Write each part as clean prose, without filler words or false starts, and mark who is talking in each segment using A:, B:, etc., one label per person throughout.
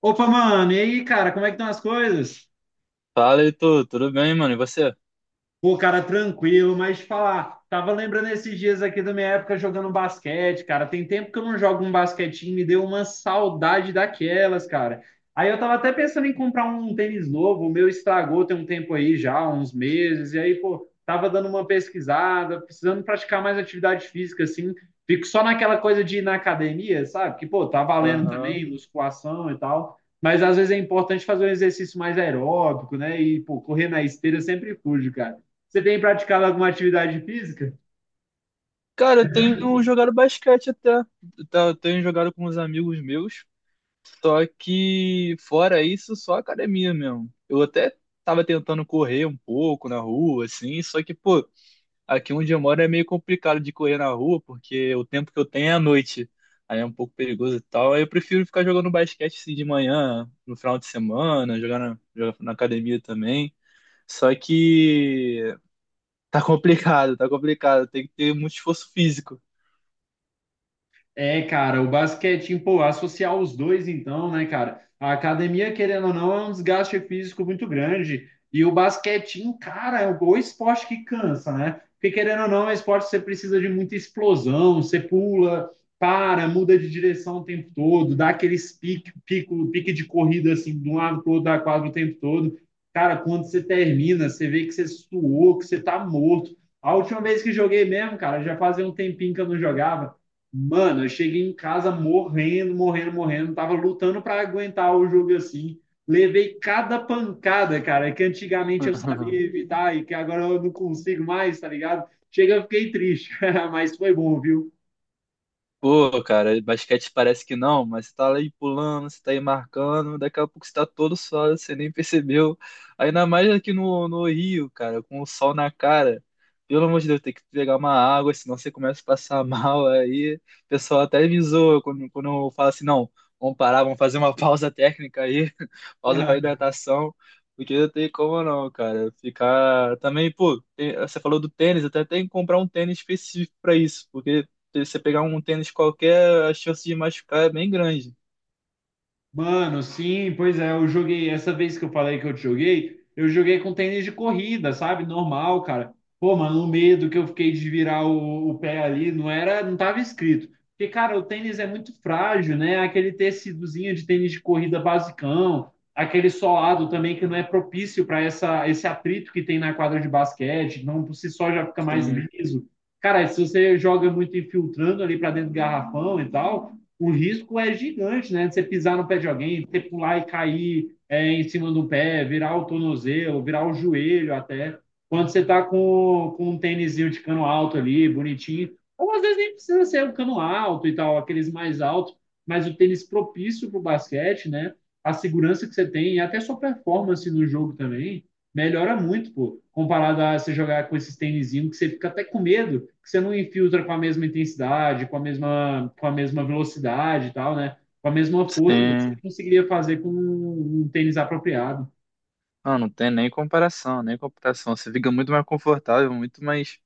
A: Opa, mano, e aí, cara, como é que estão as coisas?
B: Fala, Heitor, tudo bem, mano? E você?
A: Pô, cara, tranquilo, mas te falar, tava lembrando esses dias aqui da minha época jogando basquete, cara. Tem tempo que eu não jogo um basquetinho, me deu uma saudade daquelas, cara. Aí eu tava até pensando em comprar um tênis novo, o meu estragou tem um tempo aí já, uns meses, e aí, pô, tava dando uma pesquisada, precisando praticar mais atividade física, assim. Fico só naquela coisa de ir na academia, sabe? Que, pô, tá valendo
B: Aham.
A: também, musculação e tal. Mas às vezes é importante fazer um exercício mais aeróbico, né? E, pô, correr na esteira eu sempre fujo, cara. Você tem praticado alguma atividade física?
B: Cara, eu tenho jogado basquete até. Tá. Eu tenho jogado com uns amigos meus. Só que, fora isso, só academia mesmo. Eu até tava tentando correr um pouco na rua, assim. Só que, pô, aqui onde eu moro é meio complicado de correr na rua, porque o tempo que eu tenho é à noite. Aí é um pouco perigoso e tal. Aí eu prefiro ficar jogando basquete assim, de manhã, no final de semana, jogar na academia também. Só que. Tá complicado, tá complicado. Tem que ter muito esforço físico.
A: É, cara, o basquetinho, pô, associar os dois então, né, cara? A academia, querendo ou não, é um desgaste físico muito grande. E o basquetinho, cara, é o esporte que cansa, né? Porque querendo ou não, é um esporte que você precisa de muita explosão, você pula, para, muda de direção o tempo todo, dá aqueles pique, pico, pique de corrida assim, de um lado pro outro da quadra o tempo todo. Cara, quando você termina, você vê que você suou, que você tá morto. A última vez que joguei mesmo, cara, já fazia um tempinho que eu não jogava. Mano, eu cheguei em casa morrendo, morrendo, morrendo. Tava lutando para aguentar o jogo assim. Levei cada pancada, cara, que antigamente eu sabia evitar e que agora eu não consigo mais, tá ligado? Chega, eu fiquei triste, mas foi bom, viu?
B: Pô, cara, basquete parece que não, mas você tá aí pulando, você tá aí marcando, daqui a pouco você tá todo suado, você nem percebeu. Ainda mais aqui no Rio, cara, com o sol na cara. Pelo amor de Deus, tem que pegar uma água, senão você começa a passar mal. Aí o pessoal até me zoa quando eu falo assim: não, vamos parar, vamos fazer uma pausa técnica aí, pausa pra hidratação, porque não tem como não, cara. Ficar também, pô, você falou do tênis, até tem que comprar um tênis específico pra isso, porque se você pegar um tênis qualquer, a chance de machucar é bem grande.
A: Mano, sim, pois é, eu joguei. Essa vez que eu falei que eu te joguei, eu joguei com tênis de corrida, sabe? Normal, cara. Pô, mano, o medo que eu fiquei de virar o pé ali não era, não tava escrito. Porque, cara, o tênis é muito frágil, né? Aquele tecidozinho de tênis de corrida basicão, aquele solado também que não é propício para essa esse atrito que tem na quadra de basquete, não por si só já fica mais
B: Sim,
A: liso. Cara, se você joga muito infiltrando ali para dentro do garrafão e tal, o risco é gigante, né? Você pisar no pé de alguém, você pular e cair é, em cima do pé, virar o tornozelo, virar o joelho até. Quando você está com um tênisinho de cano alto ali, bonitinho, ou às vezes nem precisa ser um cano alto e tal, aqueles mais altos, mas o tênis propício para o basquete, né? A segurança que você tem e até sua performance no jogo também melhora muito, pô, comparado a você jogar com esses tênisinhos que você fica até com medo, que você não infiltra com a mesma intensidade, com a mesma velocidade e tal, né? Com a mesma força que você
B: sim.
A: conseguiria fazer com um tênis apropriado.
B: Ah, não tem nem comparação, nem comparação. Você fica muito mais confortável, muito mais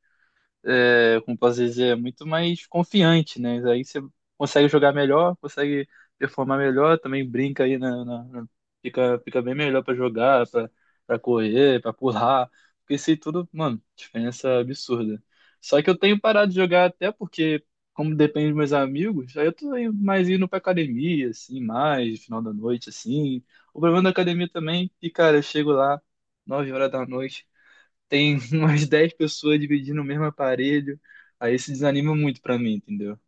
B: como posso dizer, muito mais confiante, né? Aí você consegue jogar melhor, consegue performar melhor, também brinca aí fica, fica bem melhor pra jogar, pra correr, pra pular, porque isso aí tudo, mano, diferença absurda. Só que eu tenho parado de jogar até porque como depende dos meus amigos, aí eu tô aí mais indo pra academia, assim, mais, no final da noite, assim. O problema da academia também, e cara, eu chego lá, 9 horas da noite, tem umas 10 pessoas dividindo o mesmo aparelho. Aí isso desanima muito pra mim, entendeu?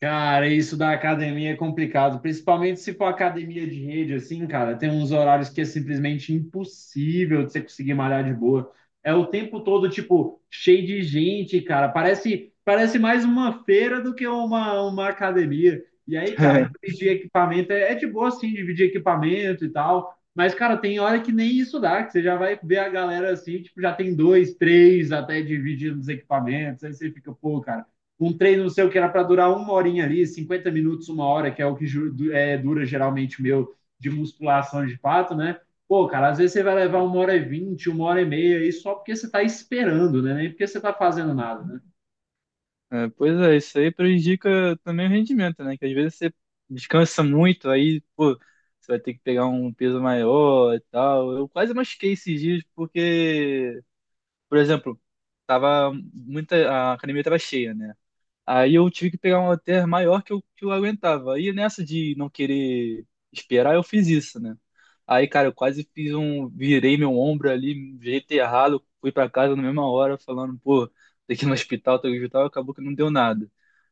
A: Cara, isso da academia é complicado, principalmente se for academia de rede, assim, cara, tem uns horários que é simplesmente impossível de você conseguir malhar de boa. É o tempo todo, tipo, cheio de gente, cara. Parece, parece mais uma feira do que uma academia. E aí, cara, dividir equipamento é de boa, assim, dividir equipamento e tal. Mas, cara, tem hora que nem isso dá, que você já vai ver a galera assim, tipo, já tem dois, três até dividindo os equipamentos. Aí você fica, pô, cara, um treino, não sei o que, era para durar uma horinha ali, 50 minutos, uma hora, que é o que é, dura geralmente o meu de musculação de fato, né? Pô, cara, às vezes você vai levar uma hora e 20, uma hora e meia, aí só porque você está esperando, né? Nem porque você está fazendo nada, né?
B: É, pois é, isso aí prejudica também o rendimento, né? Que às vezes você descansa muito, aí, pô, você vai ter que pegar um peso maior e tal. Eu quase machuquei esses dias porque, por exemplo, tava muita, a academia tava cheia, né? Aí eu tive que pegar um hotel maior que eu aguentava. Aí nessa de não querer esperar, eu fiz isso, né? Aí, cara, eu quase fiz um. Virei meu ombro ali, de jeito errado, fui pra casa na mesma hora, falando, pô, tem que ir no hospital, tem que ir no hospital, acabou que não deu nada.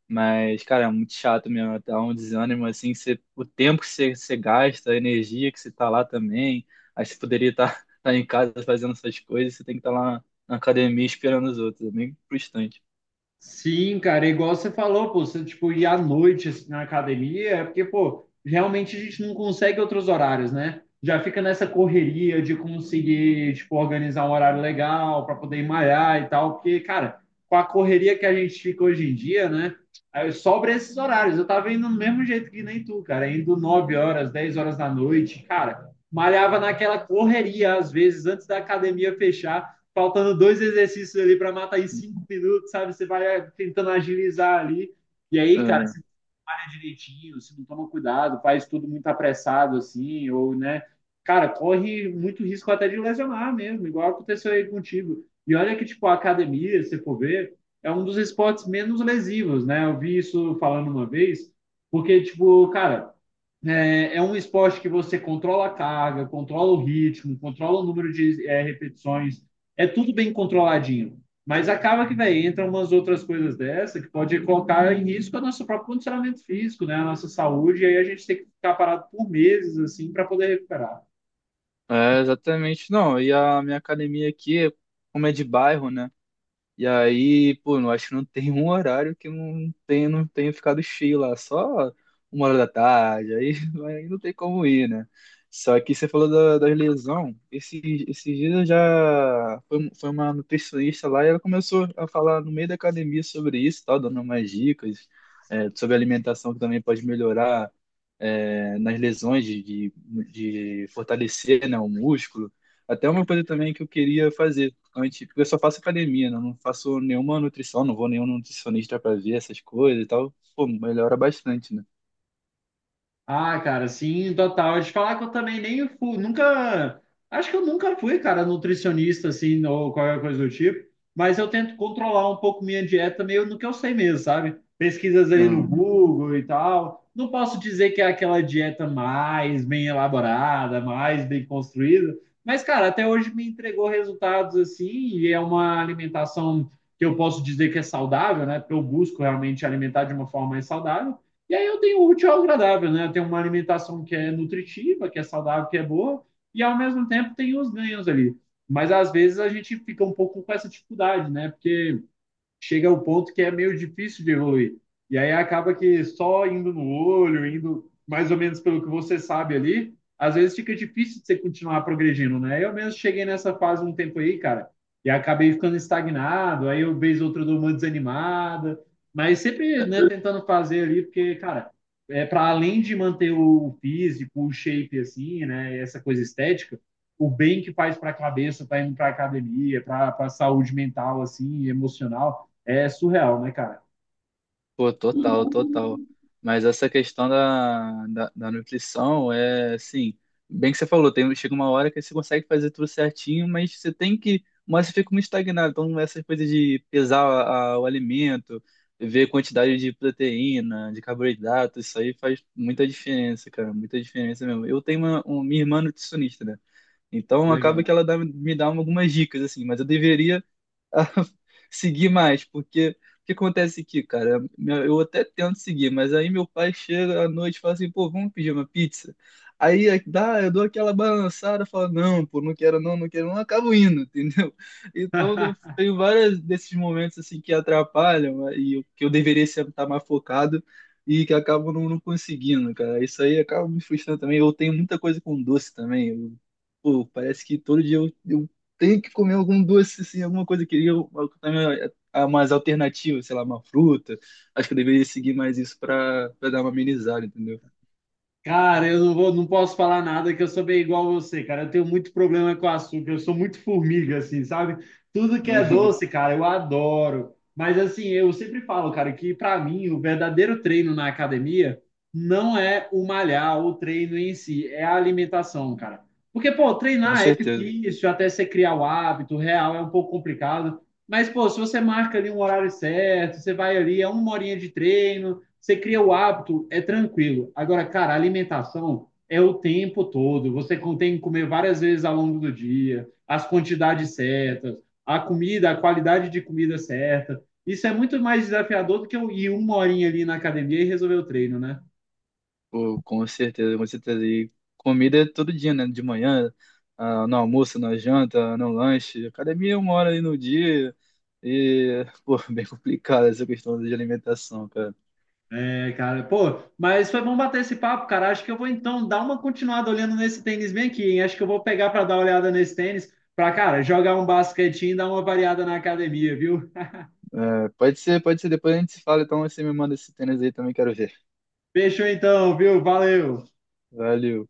B: Mas, cara, é muito chato mesmo, dá um desânimo, assim, que você, o tempo que você gasta, a energia que você tá lá também. Aí você poderia estar em casa fazendo essas coisas, você tem que estar lá na academia esperando os outros, é bem frustrante.
A: Sim, cara, é igual você falou, pô, você, tipo, ir à noite assim, na academia, é porque, pô, realmente a gente não consegue outros horários, né? Já fica nessa correria de conseguir, tipo, organizar um horário legal para poder ir malhar e tal, porque, cara, com a correria que a gente fica hoje em dia, né? Aí sobra esses horários. Eu tava indo do mesmo jeito que nem tu, cara, indo 9 horas, 10 horas da noite, cara, malhava naquela correria, às vezes, antes da academia fechar, faltando dois exercícios ali para matar em 5 minutos, sabe? Você vai tentando agilizar ali. E aí, cara, malha direitinho, se não toma cuidado, faz tudo muito apressado assim, ou, né? Cara, corre muito risco até de lesionar mesmo, igual aconteceu aí contigo. E olha que, tipo, a academia, se for ver, é um dos esportes menos lesivos, né? Eu vi isso falando uma vez, porque, tipo, cara, é um esporte que você controla a carga, controla o ritmo, controla o número de repetições, é tudo bem controladinho. Mas acaba que, velho, entram umas outras coisas dessa que pode colocar em risco o nosso próprio condicionamento físico, né? A nossa saúde, e aí a gente tem que ficar parado por meses, assim, para poder recuperar.
B: É, exatamente. Não, e a minha academia aqui, como é de bairro, né? E aí, pô, não acho que não tem um horário que não tenha, não tenha ficado cheio lá, só uma hora da tarde, aí, aí não tem como ir, né? Só que você falou da lesão, esses dias eu foi uma nutricionista lá e ela começou a falar no meio da academia sobre isso, e tal, dando umas dicas, sobre alimentação que também pode melhorar nas lesões, de fortalecer né, o músculo. Até uma coisa também que eu queria fazer antes, porque eu só faço academia, né? Eu não faço nenhuma nutrição, não vou nenhum nutricionista para ver essas coisas e tal. Pô, melhora bastante, né?
A: Ah, cara, sim, total. De falar que eu também nem fui, nunca, acho que eu nunca fui, cara, nutricionista assim ou qualquer coisa do tipo, mas eu tento controlar um pouco minha dieta meio no que eu sei mesmo, sabe? Pesquisas ali no
B: Hum.
A: Google e tal. Não posso dizer que é aquela dieta mais bem elaborada, mais bem construída, mas cara, até hoje me entregou resultados assim, e é uma alimentação que eu posso dizer que é saudável, né? Porque eu busco realmente alimentar de uma forma mais saudável. E aí eu tenho o útil ao agradável, né? Eu tenho uma alimentação que é nutritiva, que é saudável, que é boa, e ao mesmo tempo tem os ganhos ali. Mas às vezes a gente fica um pouco com essa dificuldade, né? Porque chega ao ponto que é meio difícil de evoluir. E aí acaba que só indo no olho, indo mais ou menos pelo que você sabe ali, às vezes fica difícil de você continuar progredindo, né? Eu mesmo cheguei nessa fase um tempo aí, cara, e acabei ficando estagnado, aí eu vez outra dou uma desanimada, mas sempre, né, tentando fazer ali, porque, cara, é para além de manter o físico, o shape assim, né, essa coisa estética, o bem que faz para a cabeça, tá indo para academia, para a saúde mental assim, emocional, é surreal, né, cara?
B: Pô, total, total. Mas essa questão da nutrição é assim, bem que você falou, tem, chega uma hora que você consegue fazer tudo certinho, mas você tem que, mas você fica muito estagnado. Então, essas coisas de pesar o alimento, ver quantidade de proteína, de carboidrato, isso aí faz muita diferença, cara, muita diferença mesmo. Eu tenho minha irmã nutricionista, né? Então
A: Legal.
B: acaba que ela me dá algumas dicas, assim, mas eu deveria a seguir mais, porque o que acontece aqui, cara? Eu até tento seguir, mas aí meu pai chega à noite e fala assim, pô, vamos pedir uma pizza. Dá, eu dou aquela balançada, falo, não, pô, não quero não, não quero não, acabo indo, entendeu? Então eu tenho vários desses momentos assim que atrapalham né, que eu deveria estar mais focado e que acabo não, não conseguindo, cara. Isso aí acaba me frustrando também. Eu tenho muita coisa com doce também. Pô, parece que todo dia eu, tenho que comer algum doce, assim, alguma coisa eu também, ah, mais alternativa, sei lá, uma fruta. Acho que eu deveria seguir mais isso para dar uma amenizada, entendeu?
A: Cara, eu não vou, não posso falar nada que eu sou bem igual a você, cara. Eu tenho muito problema com açúcar, eu sou muito formiga, assim, sabe? Tudo que é doce, cara, eu adoro. Mas assim, eu sempre falo, cara, que pra mim o verdadeiro treino na academia não é o malhar, o treino em si, é a alimentação, cara. Porque, pô,
B: Com
A: treinar é
B: certeza,
A: difícil, até você criar o hábito, real é um pouco complicado. Mas, pô, se você marca ali um horário certo, você vai ali, é uma horinha de treino. Você cria o hábito, é tranquilo. Agora, cara, a alimentação é o tempo todo. Você tem que comer várias vezes ao longo do dia, as quantidades certas, a comida, a qualidade de comida certa. Isso é muito mais desafiador do que eu ir uma horinha ali na academia e resolver o treino, né?
B: pô, com certeza, com certeza. E comida é todo dia, né? De manhã, ah, no almoço, na janta, no lanche. Academia é uma hora aí no dia. E, pô, bem complicada essa questão de alimentação, cara.
A: É, cara, pô, mas foi bom bater esse papo, cara. Acho que eu vou então dar uma continuada olhando nesse tênis bem aqui, hein? Acho que eu vou pegar para dar uma olhada nesse tênis, para, cara, jogar um basquetinho e dar uma variada na academia, viu?
B: É, pode ser, pode ser. Depois a gente se fala, então você me manda esse tênis aí também, quero ver.
A: Fechou então, viu? Valeu!
B: Valeu.